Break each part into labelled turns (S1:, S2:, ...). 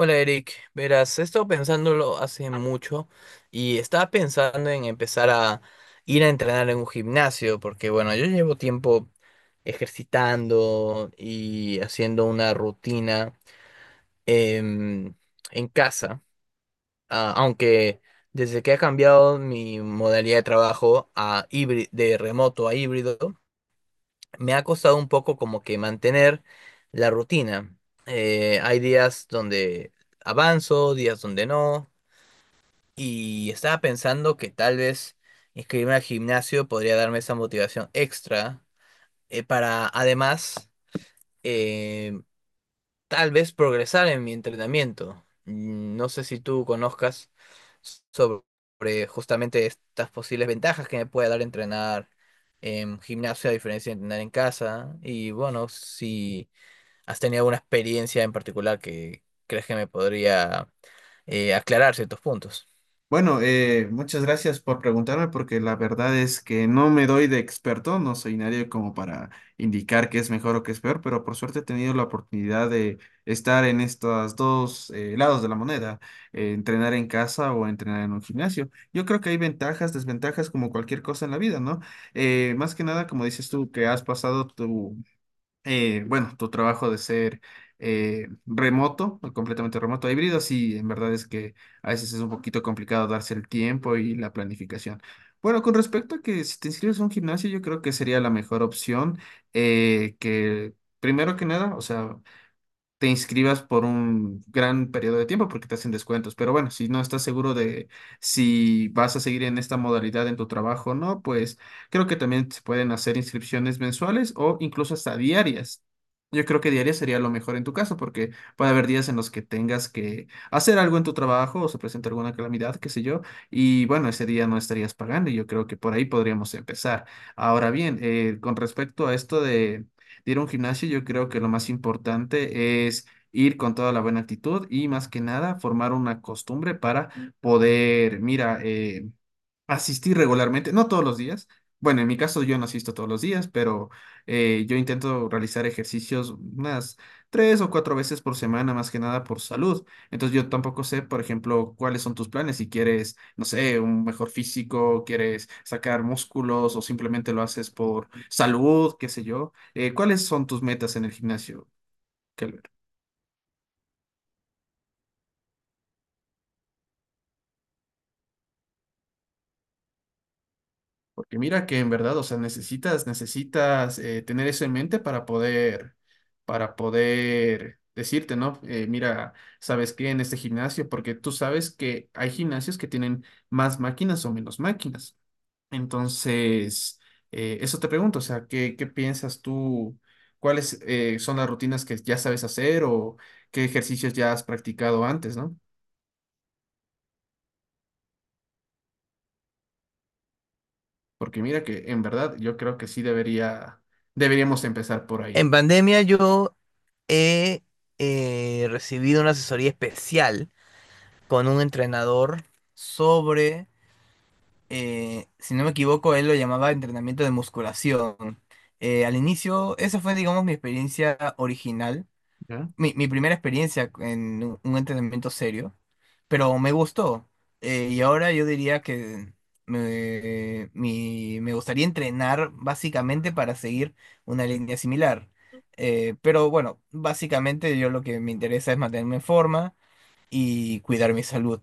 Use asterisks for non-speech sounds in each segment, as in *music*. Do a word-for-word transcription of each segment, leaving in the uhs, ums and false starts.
S1: Hola Eric, verás, he estado pensándolo hace mucho y estaba pensando en empezar a ir a entrenar en un gimnasio, porque bueno, yo llevo tiempo ejercitando y haciendo una rutina em, en casa, ah, aunque desde que ha cambiado mi modalidad de trabajo a híbrido, de remoto a híbrido, me ha costado un poco como que mantener la rutina. Eh, hay días donde avanzo, días donde no. Y estaba pensando que tal vez inscribirme al gimnasio podría darme esa motivación extra eh, para además, eh, tal vez progresar en mi entrenamiento. Mm, no sé si tú conozcas sobre justamente estas posibles ventajas que me puede dar entrenar en gimnasio a diferencia de entrenar en casa. Y bueno, si has tenido alguna experiencia en particular que crees que me podría eh, aclarar ciertos puntos.
S2: Bueno, eh, muchas gracias por preguntarme porque la verdad es que no me doy de experto, no soy nadie como para indicar qué es mejor o qué es peor, pero por suerte he tenido la oportunidad de estar en estos dos eh, lados de la moneda, eh, entrenar en casa o entrenar en un gimnasio. Yo creo que hay ventajas, desventajas como cualquier cosa en la vida, ¿no? Eh, más que nada, como dices tú, que has pasado tu eh, bueno, tu trabajo de ser eh, remoto, o completamente remoto, híbrido, sí, en verdad es que a veces es un poquito complicado darse el tiempo y la planificación. Bueno, con respecto a que si te inscribes a un gimnasio, yo creo que sería la mejor opción eh, que, primero que nada, o sea, te inscribas por un gran periodo de tiempo porque te hacen descuentos. Pero bueno, si no estás seguro de si vas a seguir en esta modalidad en tu trabajo o no, pues creo que también se pueden hacer inscripciones mensuales o incluso hasta diarias. Yo creo que diarias sería lo mejor en tu caso porque puede haber días en los que tengas que hacer algo en tu trabajo o se presenta alguna calamidad, qué sé yo, y bueno, ese día no estarías pagando y yo creo que por ahí podríamos empezar. Ahora bien, eh, con respecto a esto de de ir a un gimnasio, yo creo que lo más importante es ir con toda la buena actitud y más que nada formar una costumbre para poder, mira, eh, asistir regularmente, no todos los días. Bueno, en mi caso yo no asisto todos los días, pero eh, yo intento realizar ejercicios unas tres o cuatro veces por semana, más que nada por salud. Entonces yo tampoco sé, por ejemplo, cuáles son tus planes, si quieres, no sé, un mejor físico, quieres sacar músculos o simplemente lo haces por salud, qué sé yo. Eh, ¿cuáles son tus metas en el gimnasio? Que mira que en verdad, o sea, necesitas, necesitas eh, tener eso en mente para poder, para poder decirte, ¿no? Eh, mira, ¿sabes qué? En este gimnasio, porque tú sabes que hay gimnasios que tienen más máquinas o menos máquinas. Entonces, eh, eso te pregunto, o sea, ¿qué, qué piensas tú? ¿Cuáles eh, son las rutinas que ya sabes hacer o qué ejercicios ya has practicado antes, no? Porque mira que en verdad yo creo que sí debería, deberíamos empezar por
S1: En
S2: ahí.
S1: pandemia yo he eh, recibido una asesoría especial con un entrenador sobre, eh, si no me equivoco, él lo llamaba entrenamiento de musculación. Eh, al inicio, esa fue, digamos, mi experiencia original,
S2: ¿Ya?
S1: mi, mi primera experiencia en un un entrenamiento serio, pero me gustó. Eh, y ahora yo diría que me, mi- me gustaría entrenar básicamente para seguir una línea similar. Eh, pero bueno, básicamente yo lo que me interesa es mantenerme en forma y cuidar mi salud.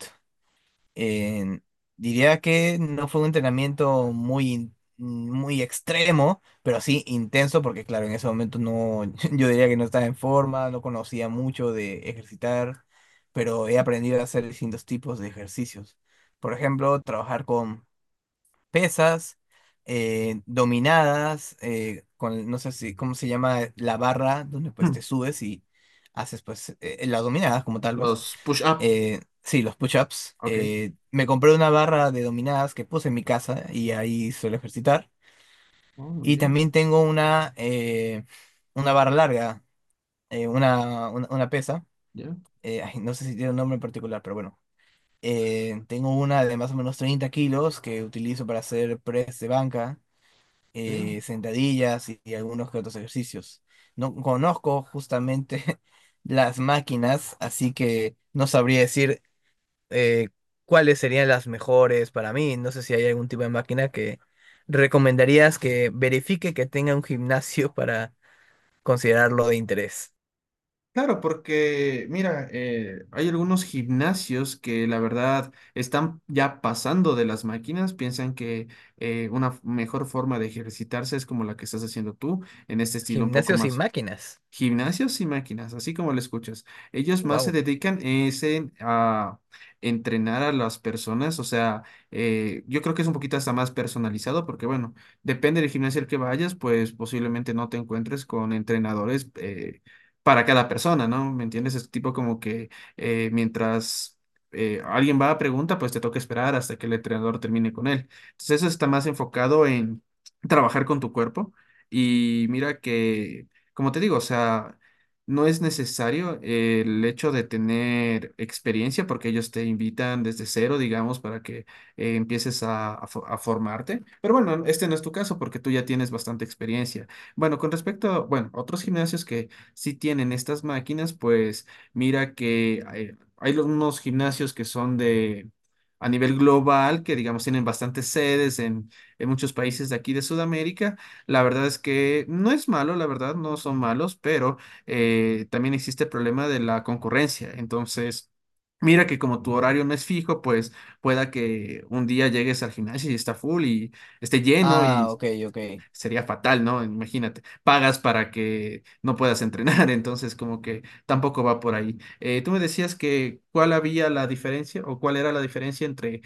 S1: eh, Diría que no fue un entrenamiento muy, in- muy extremo, pero sí intenso, porque claro, en ese momento no, *laughs* yo diría que no estaba en forma, no conocía mucho de ejercitar, pero he aprendido a hacer distintos tipos de ejercicios. Por ejemplo, trabajar con pesas, eh, dominadas, eh, con, no sé si, ¿cómo se llama? La barra, donde pues te
S2: *clears throat*
S1: subes y haces pues eh, las dominadas como tal, vez
S2: Los push-up.
S1: eh, sí, los push-ups.
S2: Ok.
S1: Eh, me compré una barra de dominadas que puse en mi casa y ahí suelo ejercitar.
S2: Oh, muy
S1: Y
S2: bien.
S1: también tengo una, eh, una barra larga, eh, una, una, una pesa.
S2: Ya.
S1: Eh, ay, no sé si tiene un nombre en particular, pero bueno. Eh, tengo una de más o menos treinta kilos que utilizo para hacer press de banca, eh,
S2: Ok.
S1: sentadillas y, y algunos que otros ejercicios. No conozco justamente *laughs* las máquinas, así que no sabría decir eh, cuáles serían las mejores para mí. No sé si hay algún tipo de máquina que recomendarías que verifique que tenga un gimnasio *laughs* para considerarlo de interés.
S2: Claro, porque mira, eh, hay algunos gimnasios que la verdad están ya pasando de las máquinas, piensan que eh, una f- mejor forma de ejercitarse es como la que estás haciendo tú, en este estilo un poco
S1: Gimnasios y
S2: más.
S1: máquinas.
S2: Gimnasios y máquinas, así como lo escuchas. Ellos más se
S1: Wow.
S2: dedican es en, a entrenar a las personas, o sea, eh, yo creo que es un poquito hasta más personalizado porque, bueno, depende del gimnasio al que vayas, pues posiblemente no te encuentres con entrenadores eh, para cada persona, ¿no? ¿Me entiendes? Es tipo como que eh, mientras eh, alguien va a pregunta, pues te toca esperar hasta que el entrenador termine con él. Entonces eso está más enfocado en trabajar con tu cuerpo. Y mira que como te digo, o sea, no es necesario eh, el hecho de tener experiencia porque ellos te invitan desde cero, digamos, para que eh, empieces a, a fo- a formarte. Pero bueno, este no es tu caso porque tú ya tienes bastante experiencia. Bueno, con respecto a, bueno, otros gimnasios que sí tienen estas máquinas, pues mira que hay, hay lo- unos gimnasios que son de a nivel global, que digamos tienen bastantes sedes en, en muchos países de aquí de Sudamérica. La verdad es que no es malo, la verdad, no son malos, pero eh, también existe el problema de la concurrencia. Entonces, mira que como tu horario no es fijo, pues pueda que un día llegues al gimnasio y está full y esté lleno
S1: Ah,
S2: y
S1: ok, ok.
S2: sería fatal, ¿no? Imagínate, pagas para que no puedas entrenar, *laughs* entonces como que tampoco va por ahí. Eh, tú me decías que cuál había la diferencia o cuál era la diferencia entre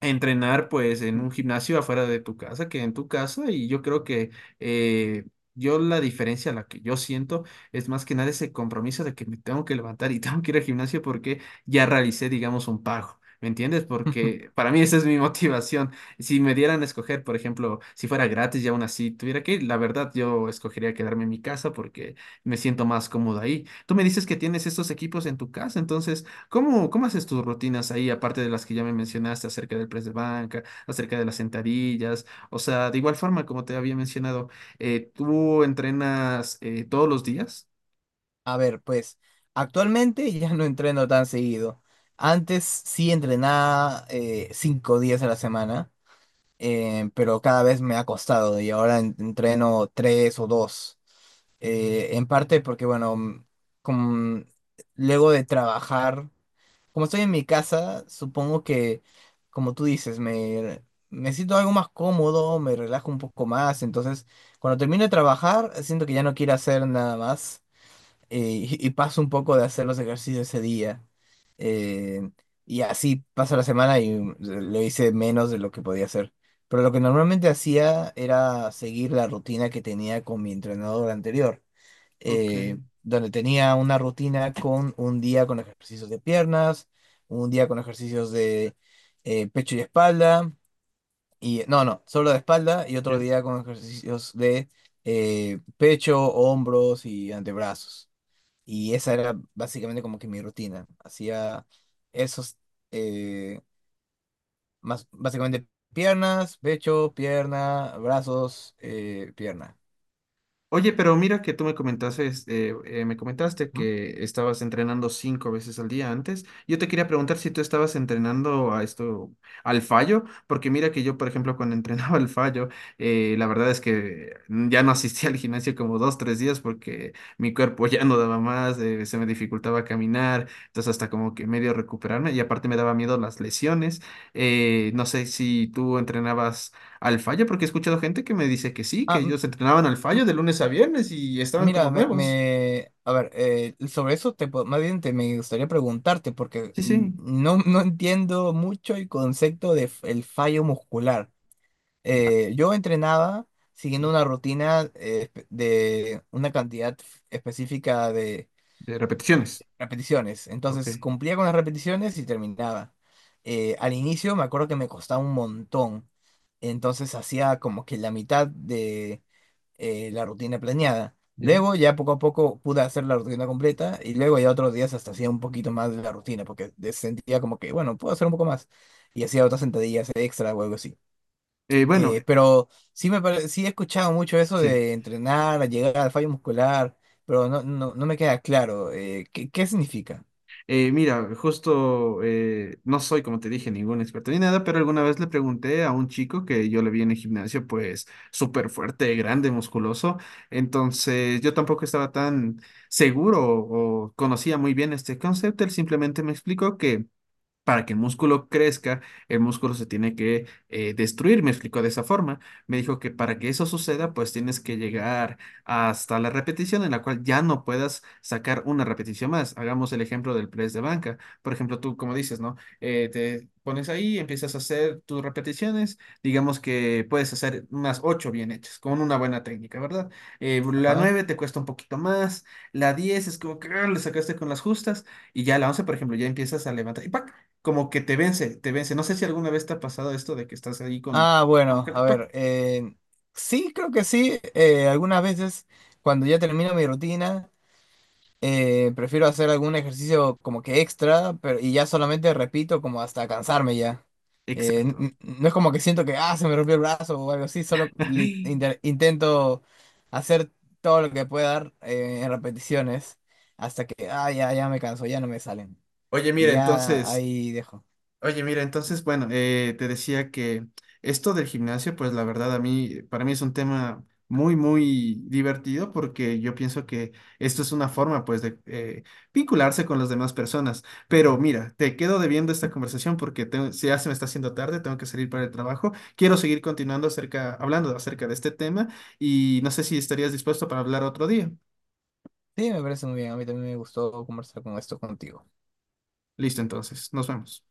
S2: entrenar pues en un gimnasio afuera de tu casa que en tu casa y yo creo que eh, yo la diferencia la que yo siento es más que nada ese compromiso de que me tengo que levantar y *laughs* tengo que ir al gimnasio porque ya realicé digamos un pago. ¿Me entiendes?
S1: *laughs*
S2: Porque para mí esa es mi *laughs* motivación. Si me dieran a escoger, por ejemplo, si fuera gratis y aún así tuviera que ir, la verdad yo escogería quedarme en mi casa porque me siento más cómodo ahí. Tú me dices que tienes estos equipos en tu casa, entonces ¿cómo, cómo haces tus rutinas ahí, aparte de las que ya me mencionaste acerca del press de banca, acerca de las sentadillas? O sea, de igual forma, como te había mencionado, eh, ¿tú entrenas eh, todos los días?
S1: A ver, pues actualmente ya no entreno tan seguido. Antes sí entrenaba eh, cinco días a la semana, eh, pero cada vez me ha costado y ahora en- entreno tres o dos, eh, en parte porque, bueno, mm, como, luego de trabajar, como estoy en mi casa, supongo que, como tú dices, me, me siento algo más cómodo, me relajo un poco más, entonces cuando termino de trabajar, siento que ya no quiero hacer nada más, eh, y, y paso un poco de hacer los ejercicios ese día. eh, y así pasa la semana y mm, lo hice menos de lo que podía hacer. Pero lo que normalmente hacía era seguir la rutina que tenía con mi entrenador anterior,
S2: Ok,
S1: eh, donde tenía una rutina con un día con ejercicios de piernas, un día con ejercicios de eh, pecho y espalda, y no, no, solo de espalda, y otro
S2: ya.
S1: día con ejercicios de eh, pecho, hombros y antebrazos. Y esa era básicamente como que mi rutina. Hacía esos, eh, más básicamente piernas, pecho, pierna, brazos, eh, pierna.
S2: Oye, pero mira que tú me comentaste, eh, eh, me comentaste
S1: Ujú.
S2: que estabas entrenando cinco veces al día antes. Yo te quería preguntar si tú estabas entrenando a esto, al fallo, porque mira que yo, por ejemplo, cuando *laughs* entrenaba al fallo, eh, la verdad es que ya no asistía al gimnasio como dos, tres días porque mi cuerpo *laughs* ya no daba más, eh, se me dificultaba caminar, entonces hasta como que medio recuperarme y aparte me daba miedo las lesiones. Eh, no sé si tú entrenabas. Al fallo, porque he escuchado gente que me dice que sí, que
S1: Ah, mm,
S2: ellos entrenaban al fallo de lunes a viernes y estaban como
S1: mira, me,
S2: nuevos.
S1: me- a ver, eh, sobre eso te, po- más bien te, me gustaría preguntarte, porque
S2: Sí,
S1: mm,
S2: sí.
S1: no, no entiendo mucho el concepto de f- el fallo muscular.
S2: Ya.
S1: Eh, yo entrenaba siguiendo
S2: Sí.
S1: una rutina eh, espe- de una cantidad f- específica de
S2: De repeticiones.
S1: repeticiones.
S2: Ok,
S1: Entonces cumplía con las repeticiones y terminaba. Eh, al inicio me acuerdo que me costaba un montón. Entonces hacía como que la mitad eh, la rutina planeada.
S2: ya.
S1: Luego ya poco a poco pude hacer la rutina completa y luego ya otros días hasta hacía un poquito más de la rutina porque de- sentía como que, bueno, puedo hacer un poco más. Y hacía otras sentadillas extra o algo así.
S2: Eh, bueno,
S1: Eh, pero sí, me pare- sí he escuchado mucho eso
S2: sí.
S1: de entrenar, llegar al fallo muscular, pero no, no, no me queda claro eh, qué, qué significa.
S2: Eh, mira, justo eh, no soy, como te dije, ningún experto ni nada, pero alguna vez le pregunté a un chico que yo le vi en el gimnasio, pues súper fuerte, grande, musculoso. Entonces yo tampoco estaba tan seguro o conocía muy bien este concepto. Él simplemente me explicó que para que el músculo crezca, el músculo se tiene que eh, destruir, me explicó de esa forma. Me dijo que para que eso suceda, pues tienes que llegar hasta la repetición en la cual ya no puedas sacar una repetición más. Hagamos el ejemplo del press de banca. Por ejemplo, tú, como dices, ¿no? Eh, te pones ahí, empiezas a hacer tus repeticiones. Digamos que puedes hacer unas ocho bien hechas, con una buena técnica, ¿verdad? Eh, la
S1: Ajá.
S2: nueve te cuesta un poquito más. La diez es como que ah, le sacaste con las justas. Y ya la once por ejemplo, ya empiezas a levantar. Y ¡pac! Como que te vence, te vence. No sé si alguna vez te ha pasado esto de que estás ahí con...
S1: Ah,
S2: como
S1: bueno,
S2: que te...
S1: a
S2: ¡pac!
S1: ver, eh, sí, creo que sí. Eh, algunas veces cuando ya termino mi rutina, eh, prefiero hacer algún ejercicio como que extra, pero y ya solamente repito como hasta cansarme ya. Eh, n-
S2: Exacto.
S1: n- no es como que siento que ah, se me rompió el brazo o algo así, solo li- inter-
S2: *laughs*
S1: intento hacer todo lo que pueda dar, eh, en repeticiones hasta que ah, ya, ya me canso, ya no me salen.
S2: Oye,
S1: Y
S2: mira,
S1: ya
S2: entonces,
S1: ahí dejo.
S2: Oye, mira, entonces, bueno, eh, te decía que esto del gimnasio, pues la verdad a mí, para mí es un tema muy, muy divertido porque yo pienso que esto es una forma, pues, de eh, vincularse con las demás personas. Pero mira, te quedo debiendo esta conversación porque tengo- si ya se me está haciendo tarde, tengo que salir para el trabajo. Quiero seguir continuando acerca, hablando acerca de este tema y no sé si estarías dispuesto para hablar otro día.
S1: Sí, me parece muy bien. A mí también me gustó conversar con esto contigo.
S2: Listo, entonces, nos vemos.